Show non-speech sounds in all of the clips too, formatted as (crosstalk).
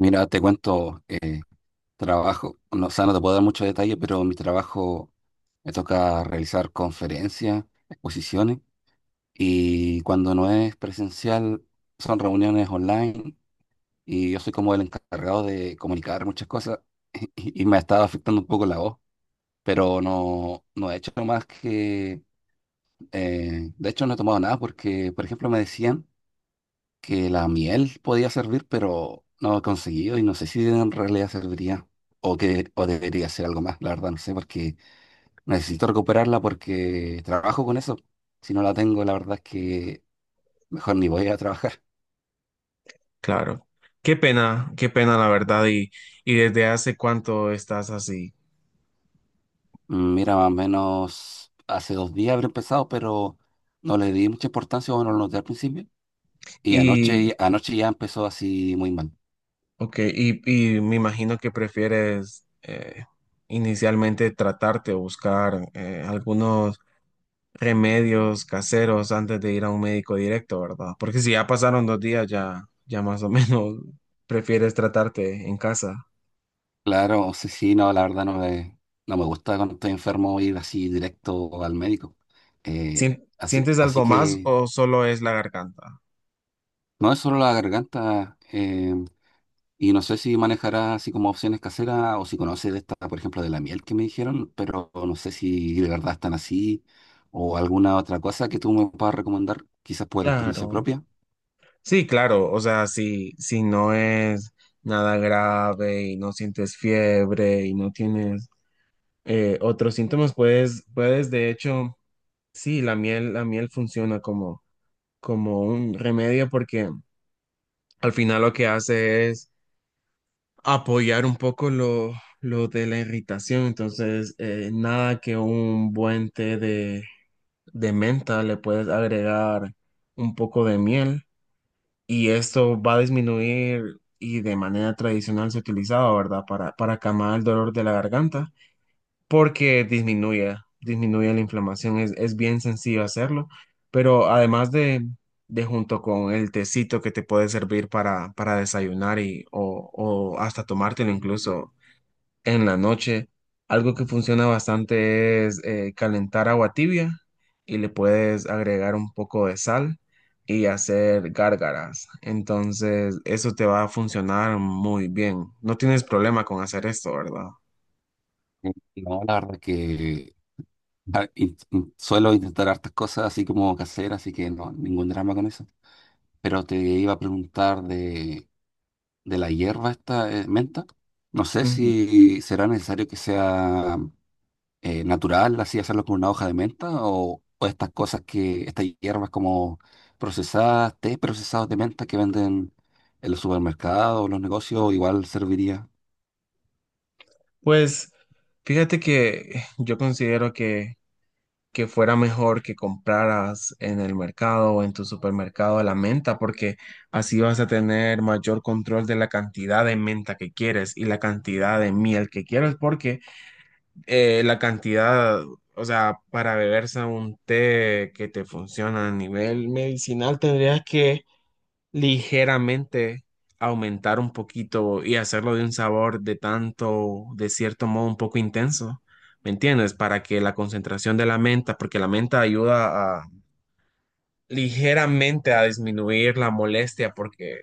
Mira, te cuento, trabajo, no, o sea, no te puedo dar mucho detalle, pero mi trabajo me toca realizar conferencias, exposiciones, y cuando no es presencial son reuniones online, y yo soy como el encargado de comunicar muchas cosas. (laughs) Y me ha estado afectando un poco la voz, pero no, no he hecho más que, de hecho no he tomado nada porque, por ejemplo, me decían que la miel podía servir, pero no he conseguido y no sé si en realidad serviría o que o debería ser algo más, la verdad no sé, porque necesito recuperarla porque trabajo con eso. Si no la tengo, la verdad es que mejor ni voy a trabajar. (laughs) Claro. Qué pena la verdad. Y desde hace cuánto estás así. Mira, más o menos hace 2 días habré empezado, pero no le di mucha importancia o no lo noté al principio. Y Y, anoche ya empezó así muy mal. ok, y me imagino que prefieres inicialmente tratarte o buscar algunos remedios caseros antes de ir a un médico directo, ¿verdad? Porque si ya pasaron dos días, ya más o (laughs) menos prefieres tratarte en casa. Claro, sí, sí, no, la verdad no me gusta cuando estoy enfermo ir así directo al médico. Eh, Así, ¿Sientes así algo más que o solo es la garganta? no es solo la garganta, y no sé si manejará así como opciones caseras o si conoce de esta, por ejemplo, de la miel que me dijeron, pero no sé si de verdad están así o alguna otra cosa que tú me puedas recomendar, quizás por experiencia Claro. propia. Sí, claro, o sea, si no es nada grave y no sientes fiebre y no tienes otros síntomas, puedes, de hecho, sí, la miel funciona como, como un remedio porque al final lo que hace es apoyar un poco lo de la irritación, entonces nada que un buen té de menta le puedes agregar un poco de miel y esto va a disminuir y de manera tradicional se utilizaba, ¿verdad? Para calmar el dolor de la garganta, porque disminuye la inflamación, es bien sencillo hacerlo, pero además de junto con el tecito que te puede servir para desayunar y, o hasta tomártelo incluso en la noche. Algo que funciona bastante es calentar agua tibia y le puedes agregar un poco de sal y hacer gárgaras. Entonces, eso te va a funcionar muy bien. No tienes problema con hacer esto, ¿verdad? No, la verdad que suelo intentar hartas cosas así como caseras, así que no, ningún drama con eso. Pero te iba a preguntar de la hierba esta, menta. No sé Ujú. si será necesario que sea natural, así hacerlo con una hoja de menta, o estas cosas que, estas hierbas como procesadas, té procesados de menta que venden en los supermercados, los negocios, igual serviría. Pues fíjate que yo considero que fuera mejor que compraras en el mercado o en tu supermercado la menta, porque así vas a tener mayor control de la cantidad de menta que quieres y la cantidad de miel que quieres, porque la cantidad, o sea, para beberse un té que te funciona a nivel medicinal, tendrías que ligeramente aumentar un poquito y hacerlo de un sabor de tanto, de cierto modo, un poco intenso. ¿Me entiendes? Para que la concentración de la menta, porque la menta ayuda a ligeramente a disminuir la molestia porque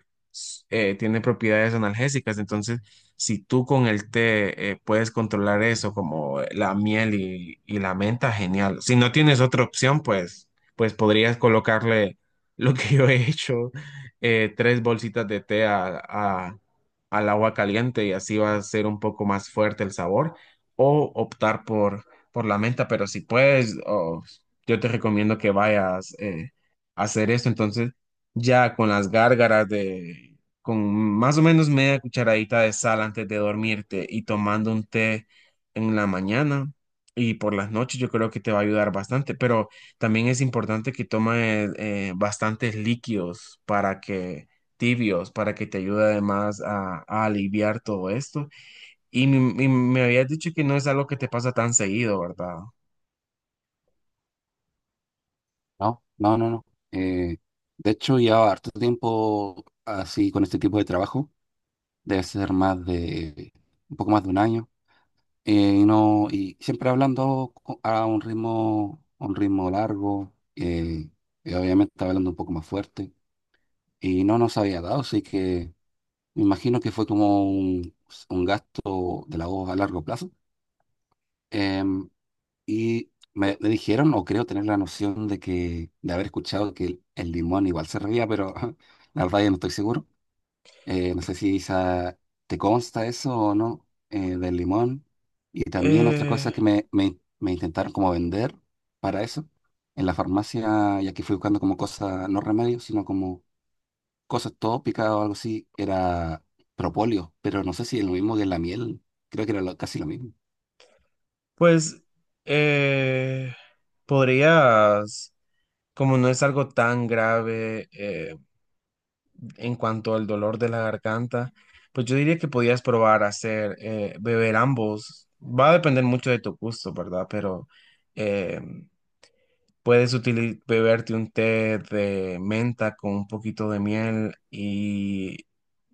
tiene propiedades analgésicas. Entonces, si tú con el té puedes controlar eso, como la miel y la menta, genial. Si no tienes otra opción, pues, pues podrías colocarle (laughs) lo que yo he hecho, tres bolsitas de té al agua caliente y así va a ser un poco más fuerte el sabor, o optar por la menta, pero si puedes... o yo te recomiendo que vayas hacer esto. Entonces, ya con las gárgaras de, con más o menos media cucharadita de sal antes de dormirte y tomando un té en la mañana y por las noches, yo creo que te va a ayudar bastante. Pero también es importante que tomes bastantes líquidos para que tibios para que te ayude además a aliviar todo esto. Y me habías dicho que no es algo que te pasa tan seguido, ¿verdad? No, no, no, no. Eh, de hecho, lleva harto tiempo así con este tipo de trabajo. Debe ser más de un poco más de un año, y no, y siempre hablando a un ritmo largo, y obviamente estaba hablando un poco más fuerte, y no nos había dado, así que me imagino que fue como un gasto de la voz a largo plazo. Em, y me dijeron, o creo tener la noción de que, de haber escuchado que el limón igual se reía, pero (laughs) la verdad ya no estoy seguro. No sé si esa- Te consta eso o no, del limón. Y también otra cosa Eh, que me intentaron como vender para eso, en la farmacia, ya que fui buscando como cosas, no remedios, sino como cosas tópicas o algo así, era propóleo, pero no sé si es lo mismo que la miel, creo que era casi lo mismo. Pues eh, podrías, como no es algo tan grave en cuanto al dolor de la garganta, pues yo diría que podías probar hacer beber ambos. Va a depender mucho de tu gusto, ¿verdad? Pero eh, beberte un té de menta con un poquito de miel y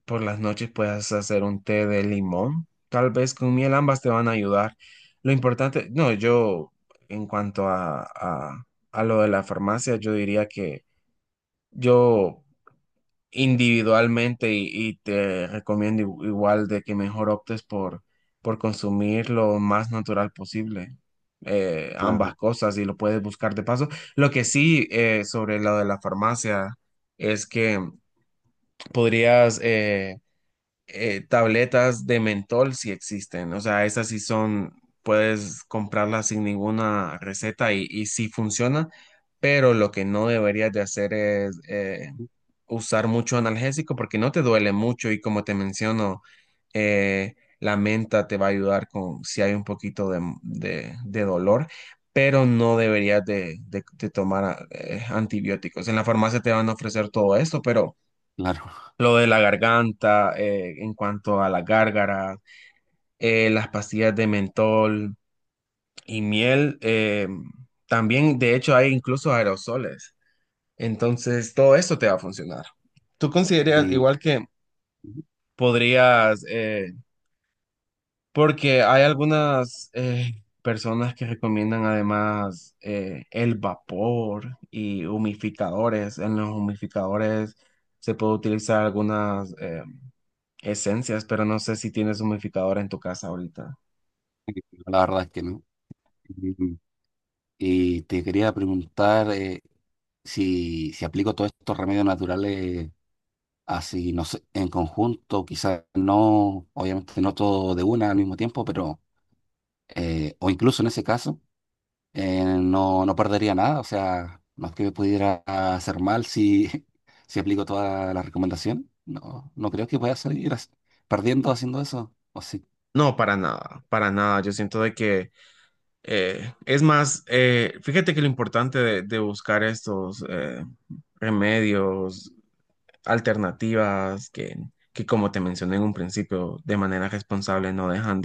por las noches puedes hacer un té de limón, tal vez con miel, ambas te van a ayudar. Lo importante, no, yo en cuanto a lo de la farmacia, yo diría que yo individualmente y te recomiendo igual de que mejor optes por consumir lo más natural posible. Ambas Claro, cosas y lo puedes buscar de paso. Lo que sí sobre lo de la farmacia es que podrías tabletas de mentol sí existen, o sea, esas sí son, puedes comprarlas sin ninguna receta y sí funciona, pero lo que no deberías de hacer es usar mucho analgésico porque no te duele mucho y como te menciono, eh, la menta te va a ayudar con si hay un poquito de, de dolor. Pero no deberías de, de tomar antibióticos. En la farmacia te van a ofrecer todo esto, pero claro. lo de la garganta, en cuanto a la gárgara, las pastillas de mentol y miel, también de hecho hay incluso aerosoles. Entonces todo eso te va a funcionar. ¿Tú (laughs) consideras Y- igual que podrías, porque hay algunas personas que recomiendan además el vapor y humificadores? En los humificadores se puede utilizar algunas... esencias, pero no sé si tienes humidificador en tu casa ahorita. y la verdad es que no. Y y te quería preguntar, si, si aplico todos estos remedios naturales, así, no sé, en conjunto, quizás no, obviamente no todo de una al mismo tiempo, pero, o incluso en ese caso, no, no perdería nada, o sea, no es que me pudiera hacer mal si, (laughs) si aplico toda la recomendación, no, no creo que pueda salir perdiendo haciendo eso, o sí. No, para nada, para nada. Yo siento de que, es más, fíjate que lo importante de buscar estos remedios, alternativas, que como te mencioné en un principio, de manera responsable no dejan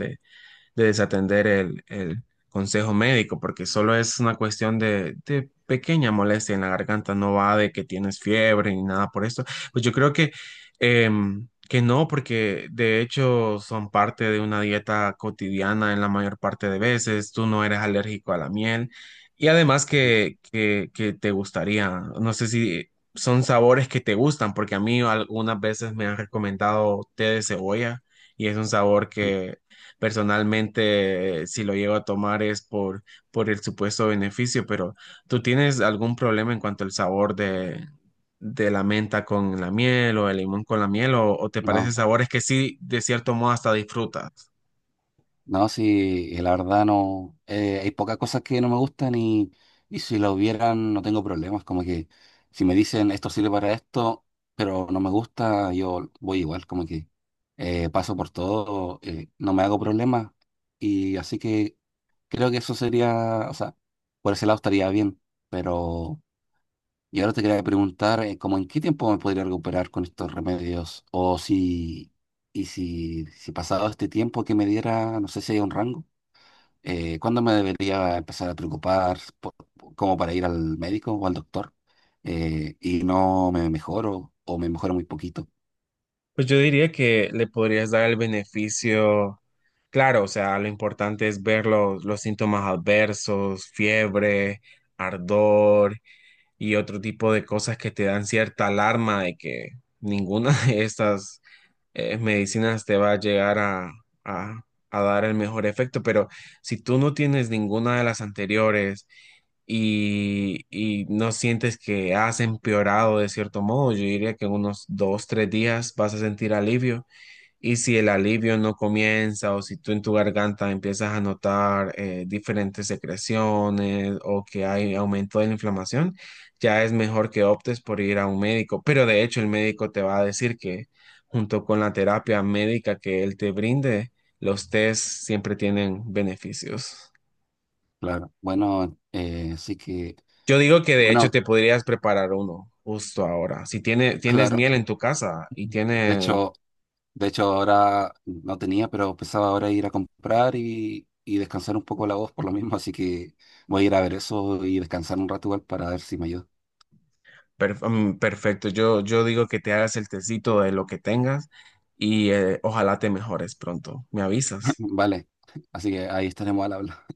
de desatender el consejo médico, porque solo es una cuestión de pequeña molestia en la garganta, no va de que tienes fiebre ni nada por esto. Pues yo creo que, que no, porque de hecho son parte de una dieta cotidiana en la mayor parte de veces, tú no eres alérgico a la miel. Y además Ujú. Que te gustaría, no sé si son sabores que te gustan, porque a mí algunas veces me han recomendado té de cebolla y es un sabor que personalmente, si lo llego a tomar es por el supuesto beneficio, pero ¿tú tienes algún problema en cuanto al sabor de la menta con la miel o el limón con la miel o te parecen no, sabores que sí, de cierto modo, hasta disfrutas? No, sí, la verdad no. Hay pocas cosas que no me gustan y si la hubieran no tengo problemas. Como que si me dicen esto sirve para esto, pero no me gusta, yo voy igual. Como que paso por todo, no me hago problemas. Y así que creo que eso sería, o sea, por ese lado estaría bien. Pero y ahora te quería preguntar, ¿cómo en qué tiempo me podría recuperar con estos remedios? O si, y si, si pasado este tiempo que me diera, no sé si hay un rango, ¿cuándo me debería empezar a preocupar por- como para ir al médico o al doctor? Y no me mejoro o me mejoro muy poquito. Pues yo diría que le podrías dar el beneficio, claro, o sea, lo importante es ver los síntomas adversos, fiebre, ardor y otro tipo de cosas que te dan cierta alarma de que ninguna (laughs) de estas medicinas te va a llegar a, a- a dar el mejor efecto, pero si tú no tienes ninguna de las anteriores y no sientes que has empeorado de cierto modo, yo diría que en unos dos, tres días vas a sentir alivio y si el alivio no comienza o si tú en tu garganta empiezas a notar diferentes secreciones o que hay aumento de la inflamación, ya es mejor que optes por ir a un médico. Pero de hecho el médico te va a decir que junto con la terapia médica que él te brinde, los test siempre tienen beneficios. Claro. Bueno, así que, Yo digo que de hecho bueno, te podrías preparar uno justo ahora. Si tiene, tienes claro. miel en tu casa y De tiene hecho, De hecho, ahora no tenía, pero pensaba ahora ir a comprar y descansar un poco la voz por lo mismo, así que voy a ir a ver eso y descansar un rato igual para ver si me ayuda. Perfecto, yo digo que te hagas el tecito de lo que tengas y ojalá te mejores pronto. ¿Me avisas? (laughs) Vale, así que ahí estaremos al habla.